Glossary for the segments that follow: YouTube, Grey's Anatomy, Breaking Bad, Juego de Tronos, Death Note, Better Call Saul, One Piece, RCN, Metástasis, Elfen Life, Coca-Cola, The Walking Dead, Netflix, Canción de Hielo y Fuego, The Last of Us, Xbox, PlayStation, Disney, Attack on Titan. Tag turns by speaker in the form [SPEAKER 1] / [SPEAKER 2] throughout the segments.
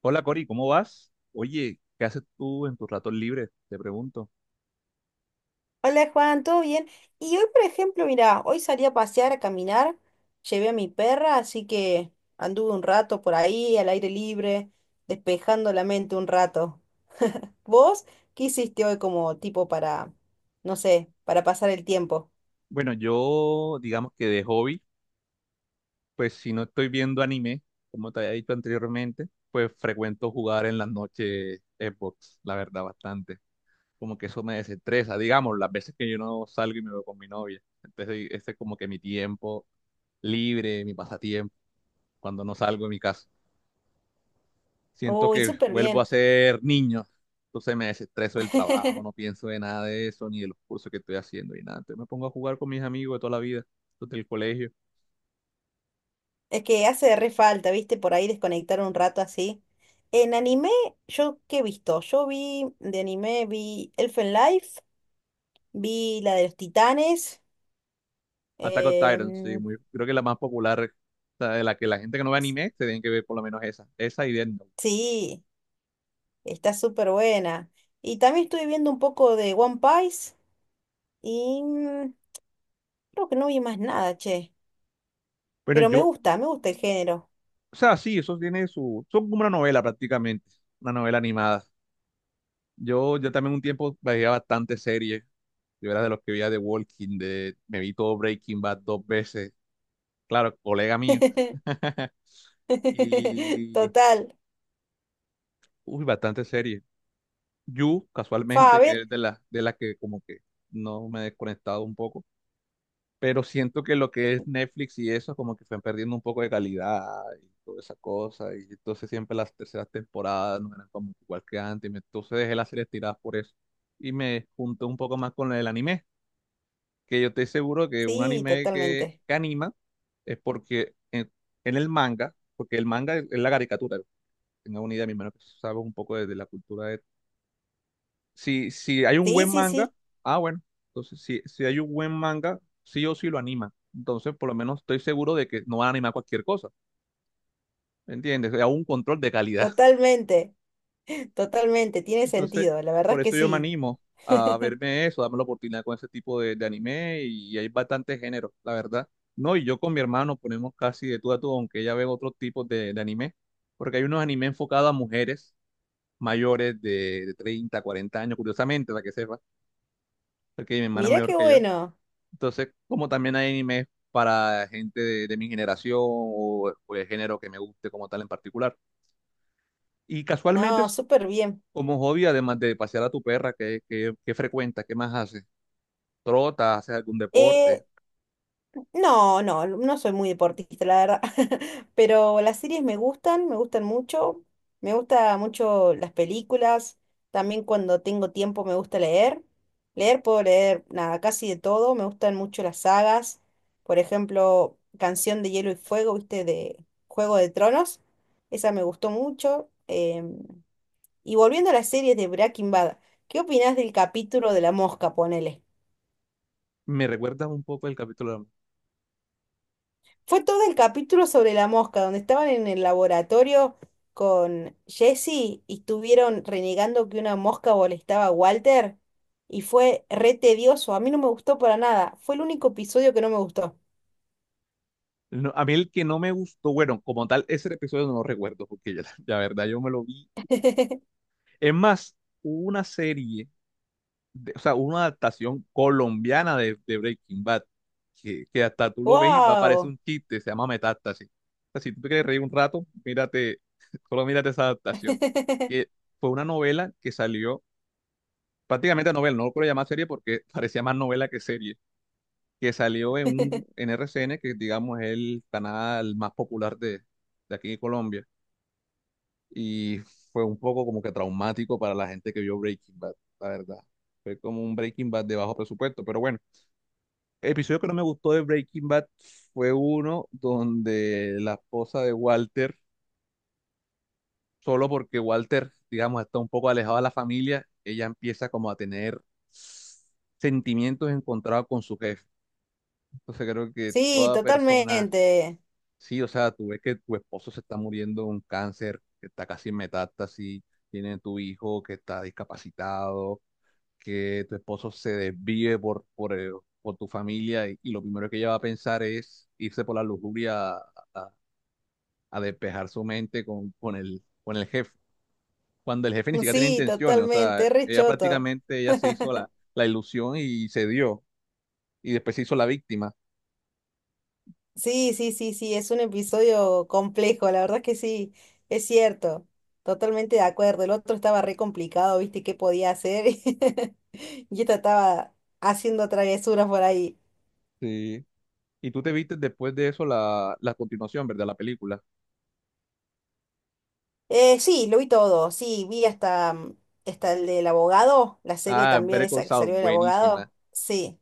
[SPEAKER 1] Hola Cori, ¿cómo vas? Oye, ¿qué haces tú en tus ratos libres? Te pregunto.
[SPEAKER 2] Hola Juan, ¿todo bien? Y hoy, por ejemplo, mira, hoy salí a pasear, a caminar, llevé a mi perra, así que anduve un rato por ahí, al aire libre, despejando la mente un rato. ¿Vos qué hiciste hoy como tipo para, no sé, para pasar el tiempo?
[SPEAKER 1] Bueno, yo digamos que de hobby, pues si no estoy viendo anime, como te había dicho anteriormente, pues frecuento jugar en las noches Xbox, la verdad, bastante. Como que eso me desestresa, digamos, las veces que yo no salgo y me veo con mi novia. Entonces, ese es como que mi tiempo libre, mi pasatiempo, cuando no salgo de mi casa. Siento
[SPEAKER 2] Uy,
[SPEAKER 1] que
[SPEAKER 2] súper
[SPEAKER 1] vuelvo a
[SPEAKER 2] bien.
[SPEAKER 1] ser niño. Entonces me desestreso del trabajo, no pienso de nada de eso, ni de los cursos que estoy haciendo, ni nada. Entonces me pongo a jugar con mis amigos de toda la vida, los del colegio.
[SPEAKER 2] Es que hace re falta, ¿viste? Por ahí desconectar un rato así. En anime, ¿yo qué he visto? Yo vi de anime, vi Elfen Life, vi la de los titanes.
[SPEAKER 1] Attack on Titan, sí,
[SPEAKER 2] em,
[SPEAKER 1] muy, creo que la más popular, o sea, de la que la gente que no ve anime, se tienen que ver por lo menos esa, esa y Death Note.
[SPEAKER 2] Sí, está súper buena. Y también estuve viendo un poco de One Piece y creo que no vi más nada, che.
[SPEAKER 1] Bueno,
[SPEAKER 2] Pero
[SPEAKER 1] yo,
[SPEAKER 2] me gusta el género.
[SPEAKER 1] o sea, sí, eso tiene su, son como una novela prácticamente, una novela animada. Yo también un tiempo veía bastante series, yo era de los que veía The Walking Dead, me vi todo Breaking Bad dos veces, claro, colega mío. Y,
[SPEAKER 2] Total.
[SPEAKER 1] uy, bastante serie. You,
[SPEAKER 2] Fa, a
[SPEAKER 1] casualmente, que
[SPEAKER 2] ver.
[SPEAKER 1] es de las que como que no me he desconectado un poco, pero siento que lo que es Netflix y eso como que están perdiendo un poco de calidad y toda esa cosa, y entonces siempre las terceras temporadas no eran como igual que antes, y me- entonces dejé las series tiradas por eso. Y me junté un poco más con el anime, que yo estoy seguro que un
[SPEAKER 2] Sí,
[SPEAKER 1] anime que,
[SPEAKER 2] totalmente.
[SPEAKER 1] que anima es porque en el manga, porque el manga es la caricatura, tenga una idea, mi hermano, que sabes un poco de la cultura de... Si, si hay un
[SPEAKER 2] Sí,
[SPEAKER 1] buen
[SPEAKER 2] sí,
[SPEAKER 1] manga,
[SPEAKER 2] sí,
[SPEAKER 1] ah, bueno, entonces si, si hay un buen manga, sí o sí lo anima. Entonces, por lo menos estoy seguro de que no van a animar cualquier cosa, ¿me entiendes? Hay un control de calidad.
[SPEAKER 2] totalmente. Totalmente, tiene
[SPEAKER 1] Entonces,
[SPEAKER 2] sentido, la verdad
[SPEAKER 1] por
[SPEAKER 2] es que
[SPEAKER 1] eso yo me
[SPEAKER 2] sí.
[SPEAKER 1] animo a verme eso, darme la oportunidad con ese tipo de anime y hay bastante género, la verdad. No, y yo con mi hermano ponemos casi de tú a tú, aunque ella ve otros tipos de anime, porque hay unos anime enfocados a mujeres mayores de 30, 40 años, curiosamente, para que sepa porque mi hermana es
[SPEAKER 2] Mirá
[SPEAKER 1] mayor
[SPEAKER 2] qué
[SPEAKER 1] que yo.
[SPEAKER 2] bueno.
[SPEAKER 1] Entonces, como también hay animes para gente de mi generación o el género que me guste como tal en particular. Y casualmente,
[SPEAKER 2] No,
[SPEAKER 1] es
[SPEAKER 2] súper bien.
[SPEAKER 1] como hobby, además de pasear a tu perra, ¿qué, qué, qué frecuenta? ¿Qué más haces? ¿Trotas? ¿Haces algún deporte?
[SPEAKER 2] No, no, no soy muy deportista, la verdad. Pero las series me gustan mucho. Me gusta mucho las películas. También cuando tengo tiempo me gusta leer. Leer puedo leer nada, casi de todo. Me gustan mucho las sagas. Por ejemplo, Canción de Hielo y Fuego, ¿viste? De Juego de Tronos. Esa me gustó mucho. Y volviendo a las series de Breaking Bad, ¿qué opinás del capítulo de la mosca, ponele?
[SPEAKER 1] Me recuerdas un poco el capítulo.
[SPEAKER 2] Fue todo el capítulo sobre la mosca, donde estaban en el laboratorio con Jesse y estuvieron renegando que una mosca molestaba a Walter y fue re tedioso. A mí no me gustó para nada. Fue el único episodio que no me gustó.
[SPEAKER 1] No, a mí el que no me gustó, bueno, como tal, ese episodio no lo recuerdo, porque ya, la verdad yo me lo vi. Es más, hubo una serie de- o sea, una adaptación colombiana de Breaking Bad, que hasta tú lo ves y va a parecer
[SPEAKER 2] ¡Wow!
[SPEAKER 1] un chiste, se llama Metástasis. O sea, si tú te quieres reír un rato, mírate, solo mírate esa adaptación, que fue una novela que salió, prácticamente novela, no lo puedo llamar serie porque parecía más novela que serie, que salió en un en R C N que digamos es el canal más popular de aquí de Colombia, y fue un poco como que traumático para la gente que vio Breaking Bad, la verdad. Fue como un Breaking Bad de bajo presupuesto, pero bueno. El episodio que no me gustó de Breaking Bad fue uno donde la esposa de Walter, solo porque Walter, digamos, está un poco alejado de la familia, ella empieza como a tener sentimientos encontrados con su jefe. Entonces creo que
[SPEAKER 2] Sí,
[SPEAKER 1] toda persona,
[SPEAKER 2] totalmente.
[SPEAKER 1] sí, o sea, tú ves que tu esposo se está muriendo de un cáncer, que está casi en metástasis, tiene tu hijo que está discapacitado, que tu esposo se desvíe por tu familia y lo primero que ella va a pensar es irse por la lujuria a despejar su mente con el jefe. Cuando el jefe ni siquiera tiene
[SPEAKER 2] Sí,
[SPEAKER 1] intenciones, o sea,
[SPEAKER 2] totalmente. Re
[SPEAKER 1] ella
[SPEAKER 2] choto.
[SPEAKER 1] prácticamente ella se hizo la, la ilusión y se dio, y después se hizo la víctima.
[SPEAKER 2] Sí, sí, sí, sí, es un episodio complejo, la verdad que sí, es cierto, totalmente de acuerdo. El otro estaba re complicado, viste, qué podía hacer, y esta estaba haciendo travesuras por ahí.
[SPEAKER 1] Sí. Y tú te viste después de eso la, la continuación, ¿verdad? La película.
[SPEAKER 2] Sí, lo vi todo, sí, vi hasta hasta el del abogado, la serie
[SPEAKER 1] Ah,
[SPEAKER 2] también
[SPEAKER 1] Better Call
[SPEAKER 2] esa que
[SPEAKER 1] Saul,
[SPEAKER 2] salió del
[SPEAKER 1] buenísima.
[SPEAKER 2] abogado, sí,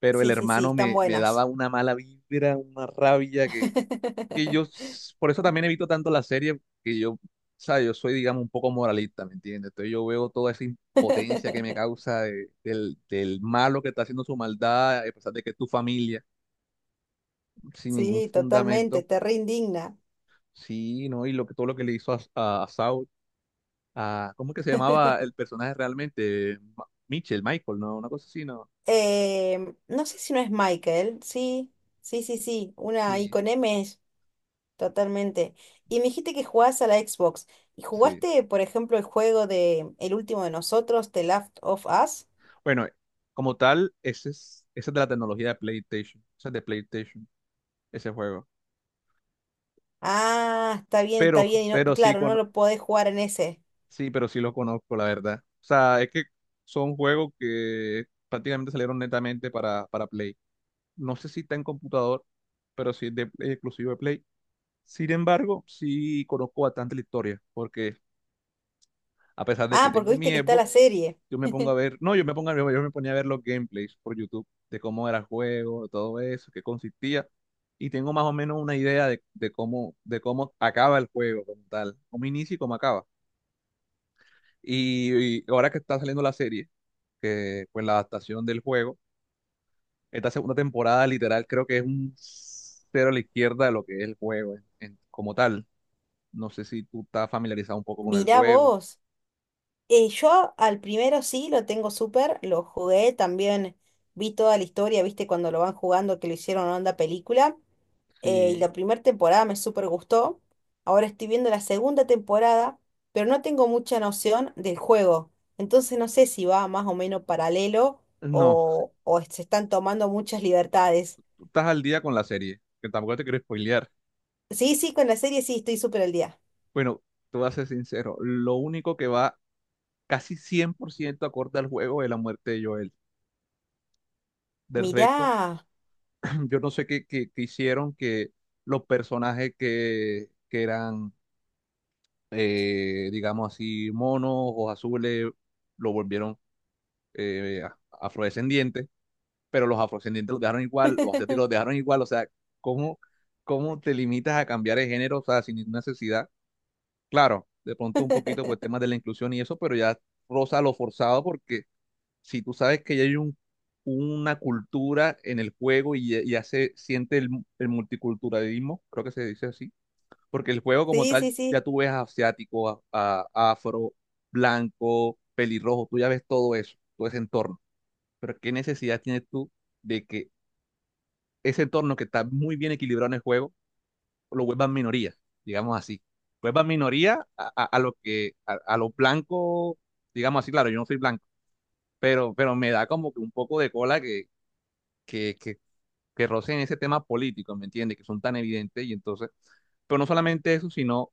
[SPEAKER 1] Pero el
[SPEAKER 2] sí, sí, sí,
[SPEAKER 1] hermano
[SPEAKER 2] están
[SPEAKER 1] me, me daba
[SPEAKER 2] buenas.
[SPEAKER 1] una mala vibra, una rabia que yo, s- por eso también evito tanto la serie, que yo, o sea, yo soy, digamos, un poco moralista, ¿me entiendes? Entonces yo veo toda esa impotencia que me causa de- del, del malo que está haciendo su maldad, a pesar de que es tu familia, sin ningún
[SPEAKER 2] Sí, totalmente,
[SPEAKER 1] fundamento,
[SPEAKER 2] te re indigna.
[SPEAKER 1] sí, ¿no? Y lo que, todo lo que le hizo a Saul, a, ¿cómo es que se llamaba el personaje realmente? Ma- Mitchell, Michael, ¿no? Una cosa así, ¿no?
[SPEAKER 2] No sé si no es Michael, sí, sí, sí, sí, una I
[SPEAKER 1] Sí,
[SPEAKER 2] con M es, totalmente. Y me dijiste que jugabas a la Xbox. ¿Y
[SPEAKER 1] sí.
[SPEAKER 2] jugaste, por ejemplo, el juego de El último de nosotros, The Last of Us?
[SPEAKER 1] Bueno, como tal, ese es de la tecnología de PlayStation, ese es de PlayStation, ese juego.
[SPEAKER 2] Ah, está bien, está bien. Y
[SPEAKER 1] Pero sí,
[SPEAKER 2] claro, no
[SPEAKER 1] con,
[SPEAKER 2] lo podés jugar en ese.
[SPEAKER 1] sí, pero sí lo conozco, la verdad. O sea, es que son juegos que prácticamente salieron netamente para Play. No sé si está en computador, pero sí es de, es exclusivo de Play. Sin embargo, sí conozco bastante la historia, porque a pesar de que
[SPEAKER 2] Ah, porque
[SPEAKER 1] tengo
[SPEAKER 2] viste
[SPEAKER 1] mi
[SPEAKER 2] que está la
[SPEAKER 1] Xbox,
[SPEAKER 2] serie.
[SPEAKER 1] yo me pongo a ver, no, yo me pongo a ver- yo me ponía a ver los gameplays por YouTube de cómo era el juego, de todo eso, qué consistía, y tengo más o menos una idea de cómo acaba el juego como tal, cómo inicia y cómo acaba. Y ahora que está saliendo la serie, que pues la adaptación del juego, esta segunda temporada literal creo que es un cero a la izquierda de lo que es el juego en- como tal. No sé si tú estás familiarizado un poco con el
[SPEAKER 2] Mirá
[SPEAKER 1] juego.
[SPEAKER 2] vos. Yo al primero sí lo tengo súper, lo jugué también, vi toda la historia, viste cuando lo van jugando que lo hicieron onda película. Eh, y
[SPEAKER 1] Sí.
[SPEAKER 2] la primera temporada me súper gustó. Ahora estoy viendo la segunda temporada, pero no tengo mucha noción del juego. Entonces no sé si va más o menos paralelo
[SPEAKER 1] No,
[SPEAKER 2] o se están tomando muchas libertades.
[SPEAKER 1] tú estás al día con la serie, que tampoco te quiero spoilear.
[SPEAKER 2] Sí, sí, con la serie sí estoy súper al día.
[SPEAKER 1] Bueno, te voy a ser sincero, lo único que va casi 100% acorde al juego es la muerte de Joel. Del resto,
[SPEAKER 2] Mirá.
[SPEAKER 1] yo no sé qué, qué- qué hicieron que los personajes que eran digamos así, monos, ojos azules, lo volvieron a- afrodescendientes, pero los afrodescendientes los dejaron igual, los asiáticos los dejaron igual, o sea, ¿cómo, cómo te limitas a cambiar de género, o sea, sin ninguna necesidad? Claro, de pronto un poquito pues temas de la inclusión y eso, pero ya roza lo forzado porque si tú sabes que ya hay un, una cultura en el juego y ya, ya se siente el multiculturalismo, creo que se dice así porque el juego como
[SPEAKER 2] Sí,
[SPEAKER 1] tal
[SPEAKER 2] sí,
[SPEAKER 1] ya
[SPEAKER 2] sí.
[SPEAKER 1] tú ves asiático, a- afro, blanco, pelirrojo, tú ya ves todo eso, todo ese entorno. Pero ¿qué necesidad tienes tú de que ese entorno que está muy bien equilibrado en el juego lo vuelvan minoría, digamos así? Vuelvan minoría a lo que, a lo blanco, digamos así, claro, yo no soy blanco, pero me da como que un poco de cola que, que, que rocen ese tema político, ¿me entiendes? Que son tan evidentes y entonces... Pero no solamente eso, sino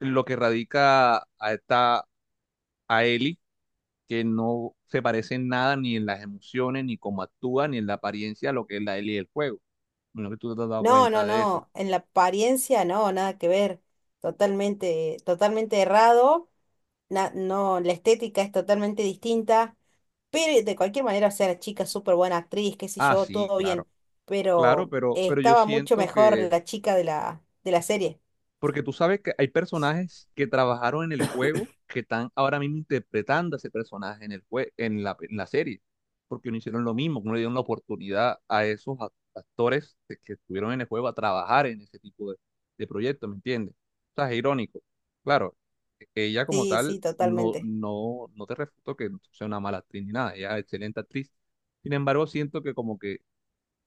[SPEAKER 1] lo que radica a esta, a Ellie, que no se parece en nada ni en las emociones, ni cómo actúa, ni en la apariencia a lo que es la Ellie del juego. Menos que tú te has dado
[SPEAKER 2] No, no,
[SPEAKER 1] cuenta de eso.
[SPEAKER 2] no. En la apariencia no, nada que ver. Totalmente, totalmente errado. No, la estética es totalmente distinta, pero de cualquier manera, o sea, la chica es súper buena actriz, qué sé
[SPEAKER 1] Ah,
[SPEAKER 2] yo,
[SPEAKER 1] sí,
[SPEAKER 2] todo bien,
[SPEAKER 1] claro, claro,
[SPEAKER 2] pero
[SPEAKER 1] pero yo
[SPEAKER 2] estaba mucho
[SPEAKER 1] siento
[SPEAKER 2] mejor
[SPEAKER 1] que
[SPEAKER 2] la chica de la serie.
[SPEAKER 1] porque tú sabes que hay personajes que trabajaron en el juego que están ahora mismo interpretando a ese personaje en el jue- en la serie, porque no hicieron lo mismo, no le dieron la oportunidad a esos act- actores que estuvieron en el juego a trabajar en ese tipo de proyectos, ¿me entiendes? O sea, es irónico. Claro, e-, ella como
[SPEAKER 2] Sí,
[SPEAKER 1] tal,
[SPEAKER 2] sí,
[SPEAKER 1] no,
[SPEAKER 2] totalmente.
[SPEAKER 1] no, no te refuto que sea una mala actriz ni nada, ella es excelente actriz. Sin embargo, siento que como que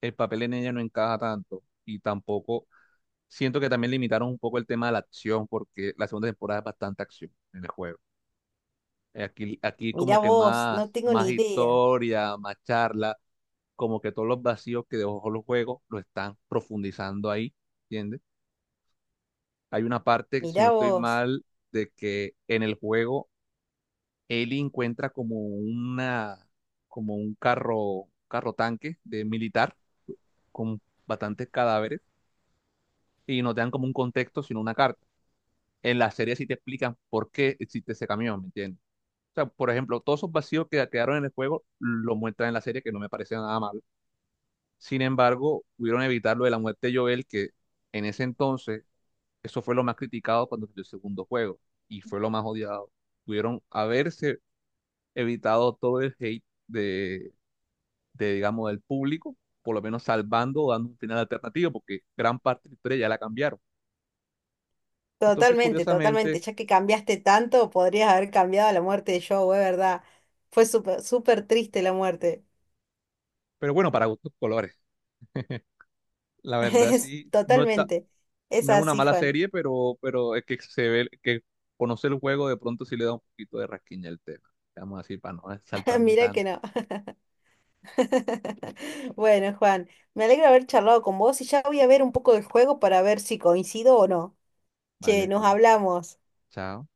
[SPEAKER 1] el papel en ella no encaja tanto y tampoco siento que también limitaron un poco el tema de la acción, porque la segunda temporada es bastante acción en el juego. Aquí, aquí
[SPEAKER 2] Mirá
[SPEAKER 1] como que
[SPEAKER 2] vos, no
[SPEAKER 1] más,
[SPEAKER 2] tengo
[SPEAKER 1] más
[SPEAKER 2] ni idea.
[SPEAKER 1] historia, más charla, como que todos los vacíos que dejó los juegos lo están profundizando ahí, ¿entiendes? Hay una parte, si no
[SPEAKER 2] Mirá
[SPEAKER 1] estoy
[SPEAKER 2] vos.
[SPEAKER 1] mal, de que en el juego Ellie encuentra como una, como un carro, carro tanque de militar con bastantes cadáveres y no te dan como un contexto, sino una carta. En la serie sí te explican por qué existe ese camión, ¿me entiendes? O sea, por ejemplo, todos esos vacíos que quedaron en el juego lo muestran en la serie, que no me parece nada mal. Sin embargo, pudieron evitar lo de la muerte de Joel, que en ese entonces, eso fue lo más criticado cuando salió el segundo juego y fue lo más odiado. Pudieron haberse evitado todo el hate de, digamos, del público, por lo menos salvando o dando un final alternativo, porque gran parte de la historia ya la cambiaron. Entonces,
[SPEAKER 2] Totalmente, totalmente.
[SPEAKER 1] curiosamente,
[SPEAKER 2] Ya que cambiaste tanto, podrías haber cambiado la muerte de Joe, es verdad. Fue súper, súper triste la muerte.
[SPEAKER 1] pero bueno, para gustos colores. La verdad,
[SPEAKER 2] Es
[SPEAKER 1] sí, no está,
[SPEAKER 2] totalmente. Es
[SPEAKER 1] no es una
[SPEAKER 2] así,
[SPEAKER 1] mala
[SPEAKER 2] Juan.
[SPEAKER 1] serie, pero es que se ve que conoce el juego de pronto sí le da un poquito de rasquiña el tema. Vamos así para no saltarme
[SPEAKER 2] Mirá que
[SPEAKER 1] tanto.
[SPEAKER 2] no. Bueno, Juan, me alegra haber charlado con vos y ya voy a ver un poco del juego para ver si coincido o no. Che,
[SPEAKER 1] Vale,
[SPEAKER 2] nos
[SPEAKER 1] Cori.
[SPEAKER 2] hablamos.
[SPEAKER 1] Chao.